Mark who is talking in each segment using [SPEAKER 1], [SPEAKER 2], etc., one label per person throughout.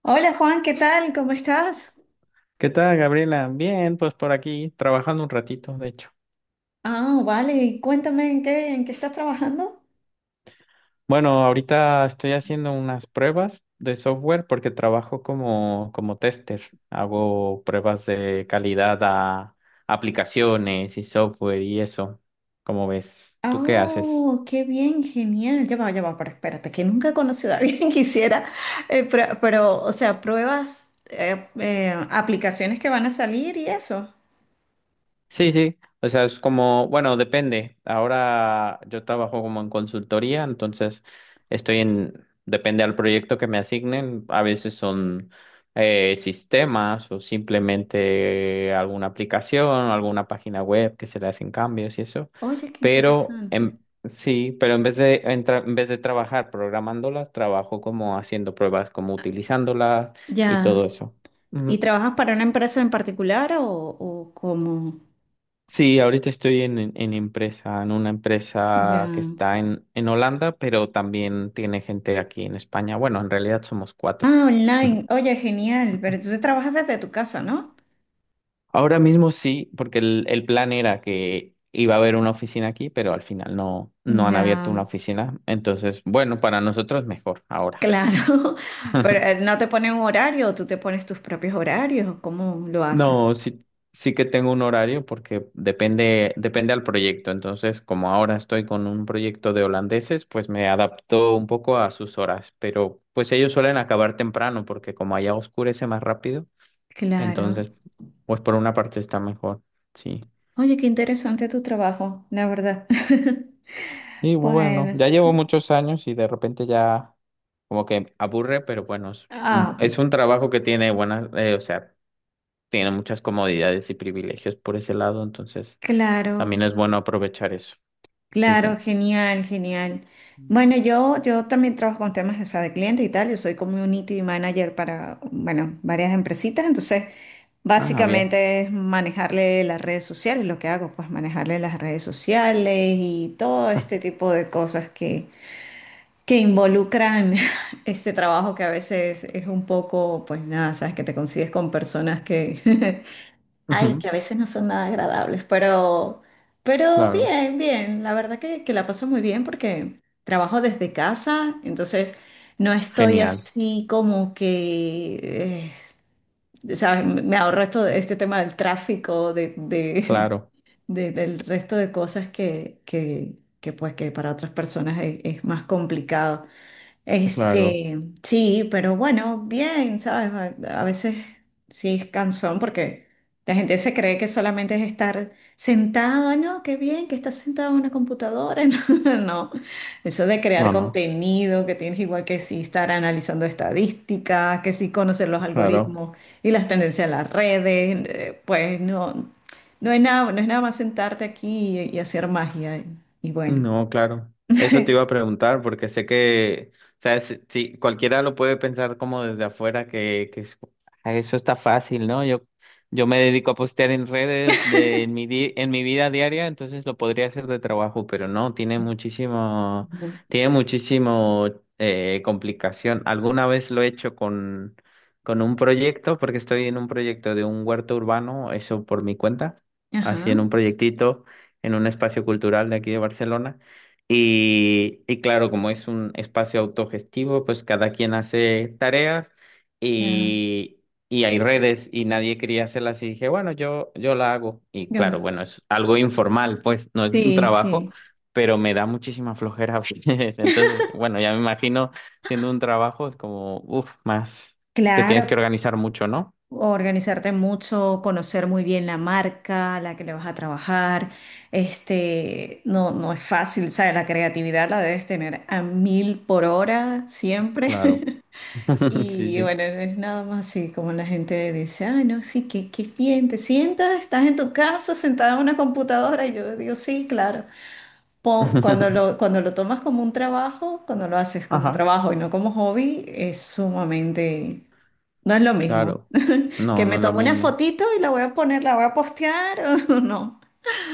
[SPEAKER 1] Hola, Juan, ¿qué tal? ¿Cómo estás?
[SPEAKER 2] ¿Qué tal, Gabriela? Bien, pues por aquí, trabajando un ratito, de hecho.
[SPEAKER 1] Ah, vale, cuéntame en qué estás trabajando.
[SPEAKER 2] Bueno, ahorita estoy haciendo unas pruebas de software porque trabajo como tester. Hago pruebas de calidad a aplicaciones y software y eso. ¿Cómo ves? ¿Tú qué haces?
[SPEAKER 1] Oh, qué bien, genial. Ya va, pero espérate, que nunca he conocido a alguien que hiciera, pero, o sea, pruebas, aplicaciones que van a salir y eso.
[SPEAKER 2] Sí, sí, o sea, es como, bueno, depende. Ahora yo trabajo como en consultoría, entonces estoy en, depende al proyecto que me asignen. A veces son sistemas o simplemente alguna aplicación, alguna página web que se le hacen cambios y eso.
[SPEAKER 1] Oye, qué
[SPEAKER 2] Pero
[SPEAKER 1] interesante.
[SPEAKER 2] en, sí, pero en vez de, en vez de trabajar programándolas, trabajo como haciendo pruebas, como utilizándolas y todo
[SPEAKER 1] Ya.
[SPEAKER 2] eso.
[SPEAKER 1] ¿Y trabajas para una empresa en particular o cómo?
[SPEAKER 2] Sí, ahorita estoy en, en empresa, en una empresa que
[SPEAKER 1] Ya.
[SPEAKER 2] está en Holanda, pero también tiene gente aquí en España. Bueno, en realidad somos cuatro.
[SPEAKER 1] Ah, online. Oye, genial. Pero entonces trabajas desde tu casa, ¿no?
[SPEAKER 2] Ahora mismo sí, porque el plan era que iba a haber una oficina aquí, pero al final no, no han abierto una
[SPEAKER 1] Ya.
[SPEAKER 2] oficina. Entonces, bueno, para nosotros mejor ahora.
[SPEAKER 1] Claro, pero no te ponen un horario, tú te pones tus propios horarios, ¿cómo lo
[SPEAKER 2] No,
[SPEAKER 1] haces?
[SPEAKER 2] sí, sí que tengo un horario porque depende al proyecto. Entonces, como ahora estoy con un proyecto de holandeses, pues me adapto un poco a sus horas. Pero pues ellos suelen acabar temprano porque como allá oscurece más rápido,
[SPEAKER 1] Claro.
[SPEAKER 2] entonces, pues por una parte está mejor. Sí.
[SPEAKER 1] Oye, qué interesante tu trabajo, la verdad.
[SPEAKER 2] Y bueno,
[SPEAKER 1] Bueno,
[SPEAKER 2] ya llevo muchos años y de repente ya como que aburre, pero bueno,
[SPEAKER 1] ah,
[SPEAKER 2] es un trabajo que tiene buenas, o sea, tiene muchas comodidades y privilegios por ese lado, entonces
[SPEAKER 1] claro,
[SPEAKER 2] también es bueno aprovechar eso. Sí,
[SPEAKER 1] claro,
[SPEAKER 2] sí.
[SPEAKER 1] genial, genial.
[SPEAKER 2] Mm.
[SPEAKER 1] Bueno, yo también trabajo con temas, o sea, de clientes y tal. Yo soy community manager para, bueno, varias empresitas, entonces
[SPEAKER 2] Ah, bien.
[SPEAKER 1] básicamente es manejarle las redes sociales, lo que hago, pues manejarle las redes sociales y todo este tipo de cosas que involucran este trabajo que a veces es un poco, pues nada, sabes que te consigues con personas que, ay, que
[SPEAKER 2] Ujú,
[SPEAKER 1] a veces no son nada agradables, pero
[SPEAKER 2] claro.
[SPEAKER 1] bien, bien, la verdad que la paso muy bien porque trabajo desde casa, entonces no estoy
[SPEAKER 2] Genial.
[SPEAKER 1] así como que, sabes, me ahorro esto, este tema del tráfico,
[SPEAKER 2] Claro.
[SPEAKER 1] de- del resto de cosas que pues que para otras personas es más complicado.
[SPEAKER 2] Claro.
[SPEAKER 1] Este, sí, pero bueno, bien, ¿sabes? A veces sí es cansón porque la gente se cree que solamente es estar sentado. No, qué bien que estás sentado en una computadora, no, no. Eso de crear
[SPEAKER 2] No, no.
[SPEAKER 1] contenido, que tienes igual que sí estar analizando estadísticas, que sí conocer los
[SPEAKER 2] Claro.
[SPEAKER 1] algoritmos y las tendencias de las redes, pues no, no es nada, no es nada más sentarte aquí y hacer magia y bueno.
[SPEAKER 2] No, claro. Eso te iba a preguntar porque sé que, o sea, si, si cualquiera lo puede pensar como desde afuera que, "Ah, eso está fácil, ¿no? Yo me dedico a postear en redes de en mi vida diaria, entonces lo podría hacer de trabajo, pero no, tiene muchísimo complicación. Alguna vez lo he hecho con un proyecto, porque estoy en un proyecto de un huerto urbano, eso por mi cuenta, así
[SPEAKER 1] Ajá,
[SPEAKER 2] en un proyectito en un espacio cultural de aquí de Barcelona. Y claro, como es un espacio autogestivo, pues cada quien hace tareas
[SPEAKER 1] ya.
[SPEAKER 2] y, y hay redes y nadie quería hacerlas y dije, bueno, yo la hago. Y claro, bueno, es algo informal, pues no es un
[SPEAKER 1] Sí,
[SPEAKER 2] trabajo,
[SPEAKER 1] sí.
[SPEAKER 2] pero me da muchísima flojera a veces. Entonces, bueno, ya me imagino siendo un trabajo, es como, uff, más, te
[SPEAKER 1] Claro,
[SPEAKER 2] tienes que organizar mucho, ¿no?
[SPEAKER 1] organizarte mucho, conocer muy bien la marca a la que le vas a trabajar. Este, no, no es fácil, ¿sabes? La creatividad la debes tener a mil por hora
[SPEAKER 2] Claro.
[SPEAKER 1] siempre.
[SPEAKER 2] Sí,
[SPEAKER 1] Y
[SPEAKER 2] sí.
[SPEAKER 1] bueno, no es nada más así como la gente dice, ay, no, sí, qué, qué bien, te sientas, estás en tu casa sentada en una computadora. Y yo digo, sí, claro. Cuando cuando lo tomas como un trabajo, cuando lo haces como un
[SPEAKER 2] Ajá.
[SPEAKER 1] trabajo y no como hobby, es sumamente. No es lo mismo.
[SPEAKER 2] Claro,
[SPEAKER 1] Que
[SPEAKER 2] no, no
[SPEAKER 1] me
[SPEAKER 2] es lo
[SPEAKER 1] tomo una
[SPEAKER 2] mismo.
[SPEAKER 1] fotito y la voy a poner, la voy a postear o no.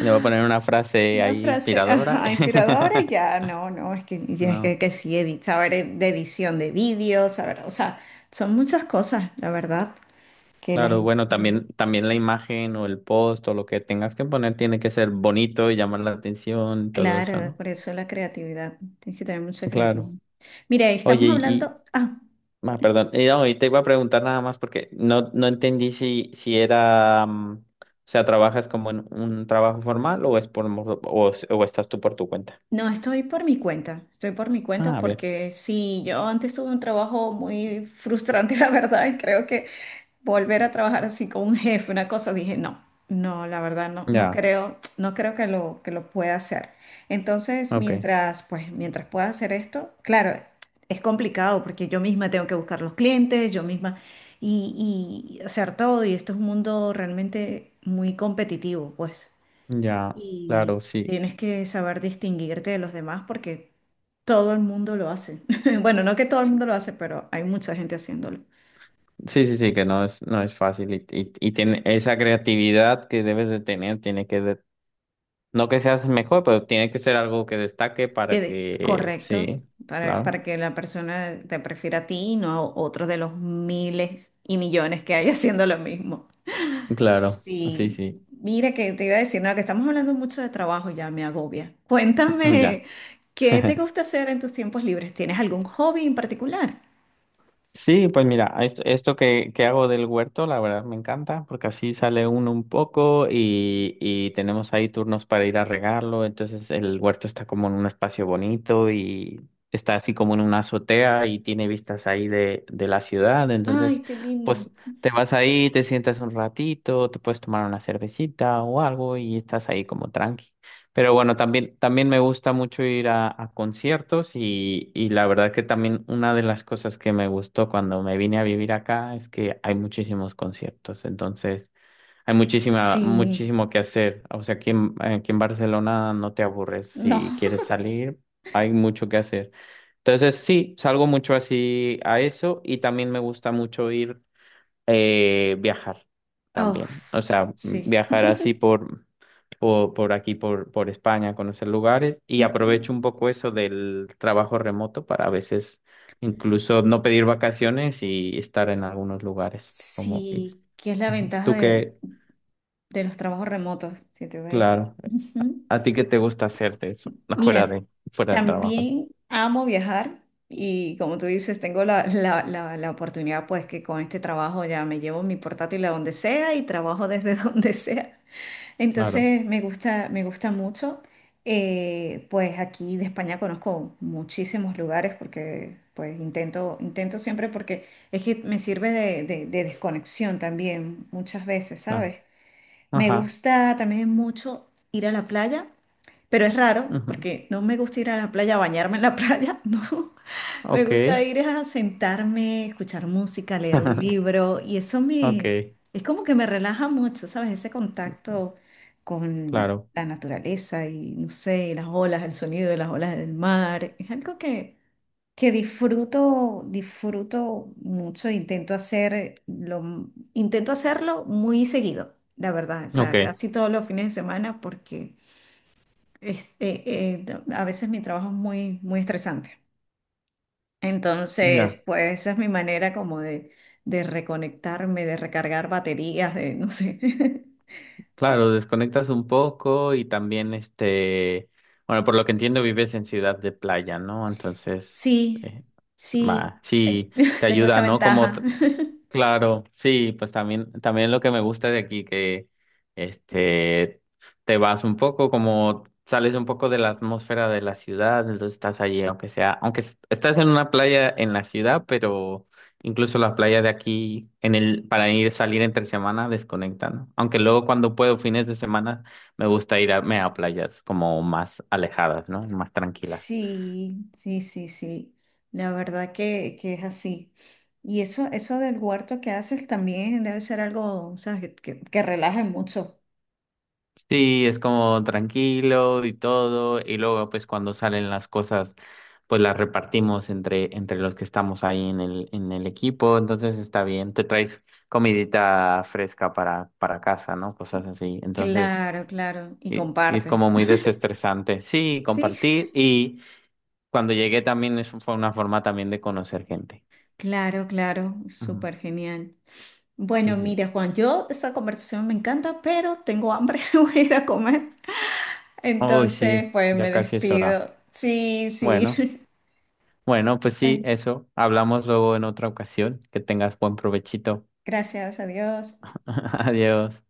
[SPEAKER 2] Y le voy a poner una frase
[SPEAKER 1] Una
[SPEAKER 2] ahí
[SPEAKER 1] frase,
[SPEAKER 2] inspiradora.
[SPEAKER 1] ajá, inspiradora, y ya, no, no, es que tienes
[SPEAKER 2] No,
[SPEAKER 1] que sí, saber de edición de vídeos, saber, o sea, son muchas cosas, la verdad, que la
[SPEAKER 2] claro,
[SPEAKER 1] gente
[SPEAKER 2] bueno,
[SPEAKER 1] cree.
[SPEAKER 2] también, también la imagen o el post o lo que tengas que poner tiene que ser bonito y llamar la atención y todo eso,
[SPEAKER 1] Claro,
[SPEAKER 2] ¿no?
[SPEAKER 1] por eso la creatividad, tienes que tener mucha
[SPEAKER 2] Claro.
[SPEAKER 1] creatividad. Mire,
[SPEAKER 2] Oye,
[SPEAKER 1] estamos hablando, ah,
[SPEAKER 2] ah, perdón, y, no, y te iba a preguntar nada más porque no, no entendí si, si era, o sea, ¿trabajas como en un trabajo formal o es por, o estás tú por tu cuenta?
[SPEAKER 1] no, estoy por mi cuenta, estoy por mi cuenta
[SPEAKER 2] Ah, bien,
[SPEAKER 1] porque sí, yo antes tuve un trabajo muy frustrante, la verdad, y creo que volver a trabajar así con un jefe, una cosa, dije, no, no, la verdad no, no
[SPEAKER 2] ya,
[SPEAKER 1] creo, no creo que que lo pueda hacer. Entonces,
[SPEAKER 2] ok,
[SPEAKER 1] mientras, pues, mientras pueda hacer esto, claro, es complicado porque yo misma tengo que buscar los clientes, yo misma, y hacer todo, y esto es un mundo realmente muy competitivo, pues,
[SPEAKER 2] ya,
[SPEAKER 1] y
[SPEAKER 2] claro, sí.
[SPEAKER 1] tienes que saber distinguirte de los demás porque todo el mundo lo hace. Bueno, no que todo el mundo lo hace, pero hay mucha gente haciéndolo.
[SPEAKER 2] Sí, sí, sí, que no es, no es fácil y tiene esa creatividad que debes de tener, no que seas mejor, pero tiene que ser algo que destaque para que,
[SPEAKER 1] Correcto,
[SPEAKER 2] sí, claro,
[SPEAKER 1] para que la persona te prefiera a ti y no a otro de los miles y millones que hay haciendo lo mismo.
[SPEAKER 2] claro, sí,
[SPEAKER 1] Sí,
[SPEAKER 2] sí,
[SPEAKER 1] mira que te iba a decir, no, que estamos hablando mucho de trabajo, ya me agobia. Cuéntame,
[SPEAKER 2] ya.
[SPEAKER 1] ¿qué te gusta hacer en tus tiempos libres? ¿Tienes algún hobby en particular?
[SPEAKER 2] Sí, pues mira, esto que hago del huerto, la verdad me encanta, porque así sale uno un poco y tenemos ahí turnos para ir a regarlo, entonces el huerto está como en un espacio bonito y está así como en una azotea y tiene vistas ahí de la ciudad, entonces
[SPEAKER 1] Ay, qué lindo.
[SPEAKER 2] pues te vas ahí, te sientas un ratito, te puedes tomar una cervecita o algo y estás ahí como tranqui. Pero bueno, también, también me gusta mucho ir a conciertos y la verdad que también una de las cosas que me gustó cuando me vine a vivir acá es que hay muchísimos conciertos, entonces hay muchísima,
[SPEAKER 1] Sí,
[SPEAKER 2] muchísimo que hacer. O sea, aquí en Barcelona no te aburres,
[SPEAKER 1] no.
[SPEAKER 2] si quieres salir, hay mucho que hacer. Entonces sí, salgo mucho así a eso y también me gusta mucho ir viajar
[SPEAKER 1] Oh,
[SPEAKER 2] también. O sea,
[SPEAKER 1] sí.
[SPEAKER 2] viajar así por aquí, por España, conocer lugares y
[SPEAKER 1] Ujú.
[SPEAKER 2] aprovecho un poco eso del trabajo remoto para a veces incluso no pedir vacaciones y estar en algunos lugares.
[SPEAKER 1] Sí, que es la
[SPEAKER 2] Ujú.
[SPEAKER 1] ventaja
[SPEAKER 2] Tú que,
[SPEAKER 1] de los trabajos remotos, si te voy a decir.
[SPEAKER 2] claro,
[SPEAKER 1] Ujú.
[SPEAKER 2] a ti qué te gusta hacer de eso, fuera
[SPEAKER 1] Mira,
[SPEAKER 2] de, fuera de trabajo.
[SPEAKER 1] también amo viajar y como tú dices, tengo la oportunidad pues que con este trabajo ya me llevo mi portátil a donde sea y trabajo desde donde sea.
[SPEAKER 2] Claro,
[SPEAKER 1] Entonces me gusta mucho. Pues aquí de España conozco muchísimos lugares porque pues intento, intento siempre porque es que me sirve de, de desconexión también muchas veces,
[SPEAKER 2] claro.
[SPEAKER 1] ¿sabes? Me
[SPEAKER 2] Ajá.
[SPEAKER 1] gusta también mucho ir a la playa. Pero es raro
[SPEAKER 2] Ujú.
[SPEAKER 1] porque no me gusta ir a la playa a bañarme en la playa, no. Me
[SPEAKER 2] Ok.
[SPEAKER 1] gusta ir a sentarme, escuchar música, leer un libro y eso
[SPEAKER 2] Ok,
[SPEAKER 1] me, es como que me relaja mucho, ¿sabes? Ese contacto con
[SPEAKER 2] claro.
[SPEAKER 1] la naturaleza y no sé, las olas, el sonido de las olas del mar. Es algo que disfruto, disfruto mucho, intento hacerlo muy seguido, la verdad. O
[SPEAKER 2] Ok,
[SPEAKER 1] sea, casi todos los fines de semana porque este, a veces mi trabajo es muy, muy estresante. Entonces,
[SPEAKER 2] ya.
[SPEAKER 1] pues esa es mi manera como de reconectarme, de recargar baterías, de no sé.
[SPEAKER 2] Claro, desconectas un poco y también este, bueno, por lo que entiendo vives en ciudad de playa, ¿no? Entonces,
[SPEAKER 1] Sí,
[SPEAKER 2] eh, va,
[SPEAKER 1] sí,
[SPEAKER 2] sí, te
[SPEAKER 1] tengo esa
[SPEAKER 2] ayuda, ¿no?
[SPEAKER 1] ventaja.
[SPEAKER 2] Claro, sí, pues también, también lo que me gusta de aquí, que este, te vas un poco, como sales un poco de la atmósfera de la ciudad, entonces estás allí, aunque sea, estás en una playa en la ciudad, pero incluso la playa de aquí, en el, para ir salir entre semana, desconecta, ¿no? Aunque luego cuando puedo, fines de semana, me gusta irme a playas como más alejadas, ¿no? Más tranquilas.
[SPEAKER 1] Sí, sí, sí, sí. La verdad que es así. Y eso del huerto que haces también debe ser algo, o sea, que relaje mucho.
[SPEAKER 2] Sí, es como tranquilo y todo, y luego pues cuando salen las cosas, pues las repartimos entre, entre los que estamos ahí en el equipo, entonces está bien, te traes comidita fresca para casa, ¿no? Cosas así, entonces
[SPEAKER 1] Claro, claro. Y
[SPEAKER 2] y es
[SPEAKER 1] compartes.
[SPEAKER 2] como muy desestresante, sí,
[SPEAKER 1] Sí.
[SPEAKER 2] compartir, y cuando llegué también es, fue una forma también de conocer gente.
[SPEAKER 1] Claro, claro,
[SPEAKER 2] Ujú,
[SPEAKER 1] súper genial.
[SPEAKER 2] sí,
[SPEAKER 1] Bueno,
[SPEAKER 2] sí.
[SPEAKER 1] mira, Juan, yo esa conversación me encanta, pero tengo hambre, voy a ir a comer.
[SPEAKER 2] Uy,
[SPEAKER 1] Entonces,
[SPEAKER 2] sí,
[SPEAKER 1] pues me
[SPEAKER 2] ya casi es hora.
[SPEAKER 1] despido. Sí, sí.
[SPEAKER 2] Bueno. Bueno, pues sí,
[SPEAKER 1] Bueno,
[SPEAKER 2] eso. Hablamos luego en otra ocasión. Que tengas buen provechito.
[SPEAKER 1] gracias, adiós.
[SPEAKER 2] Adiós.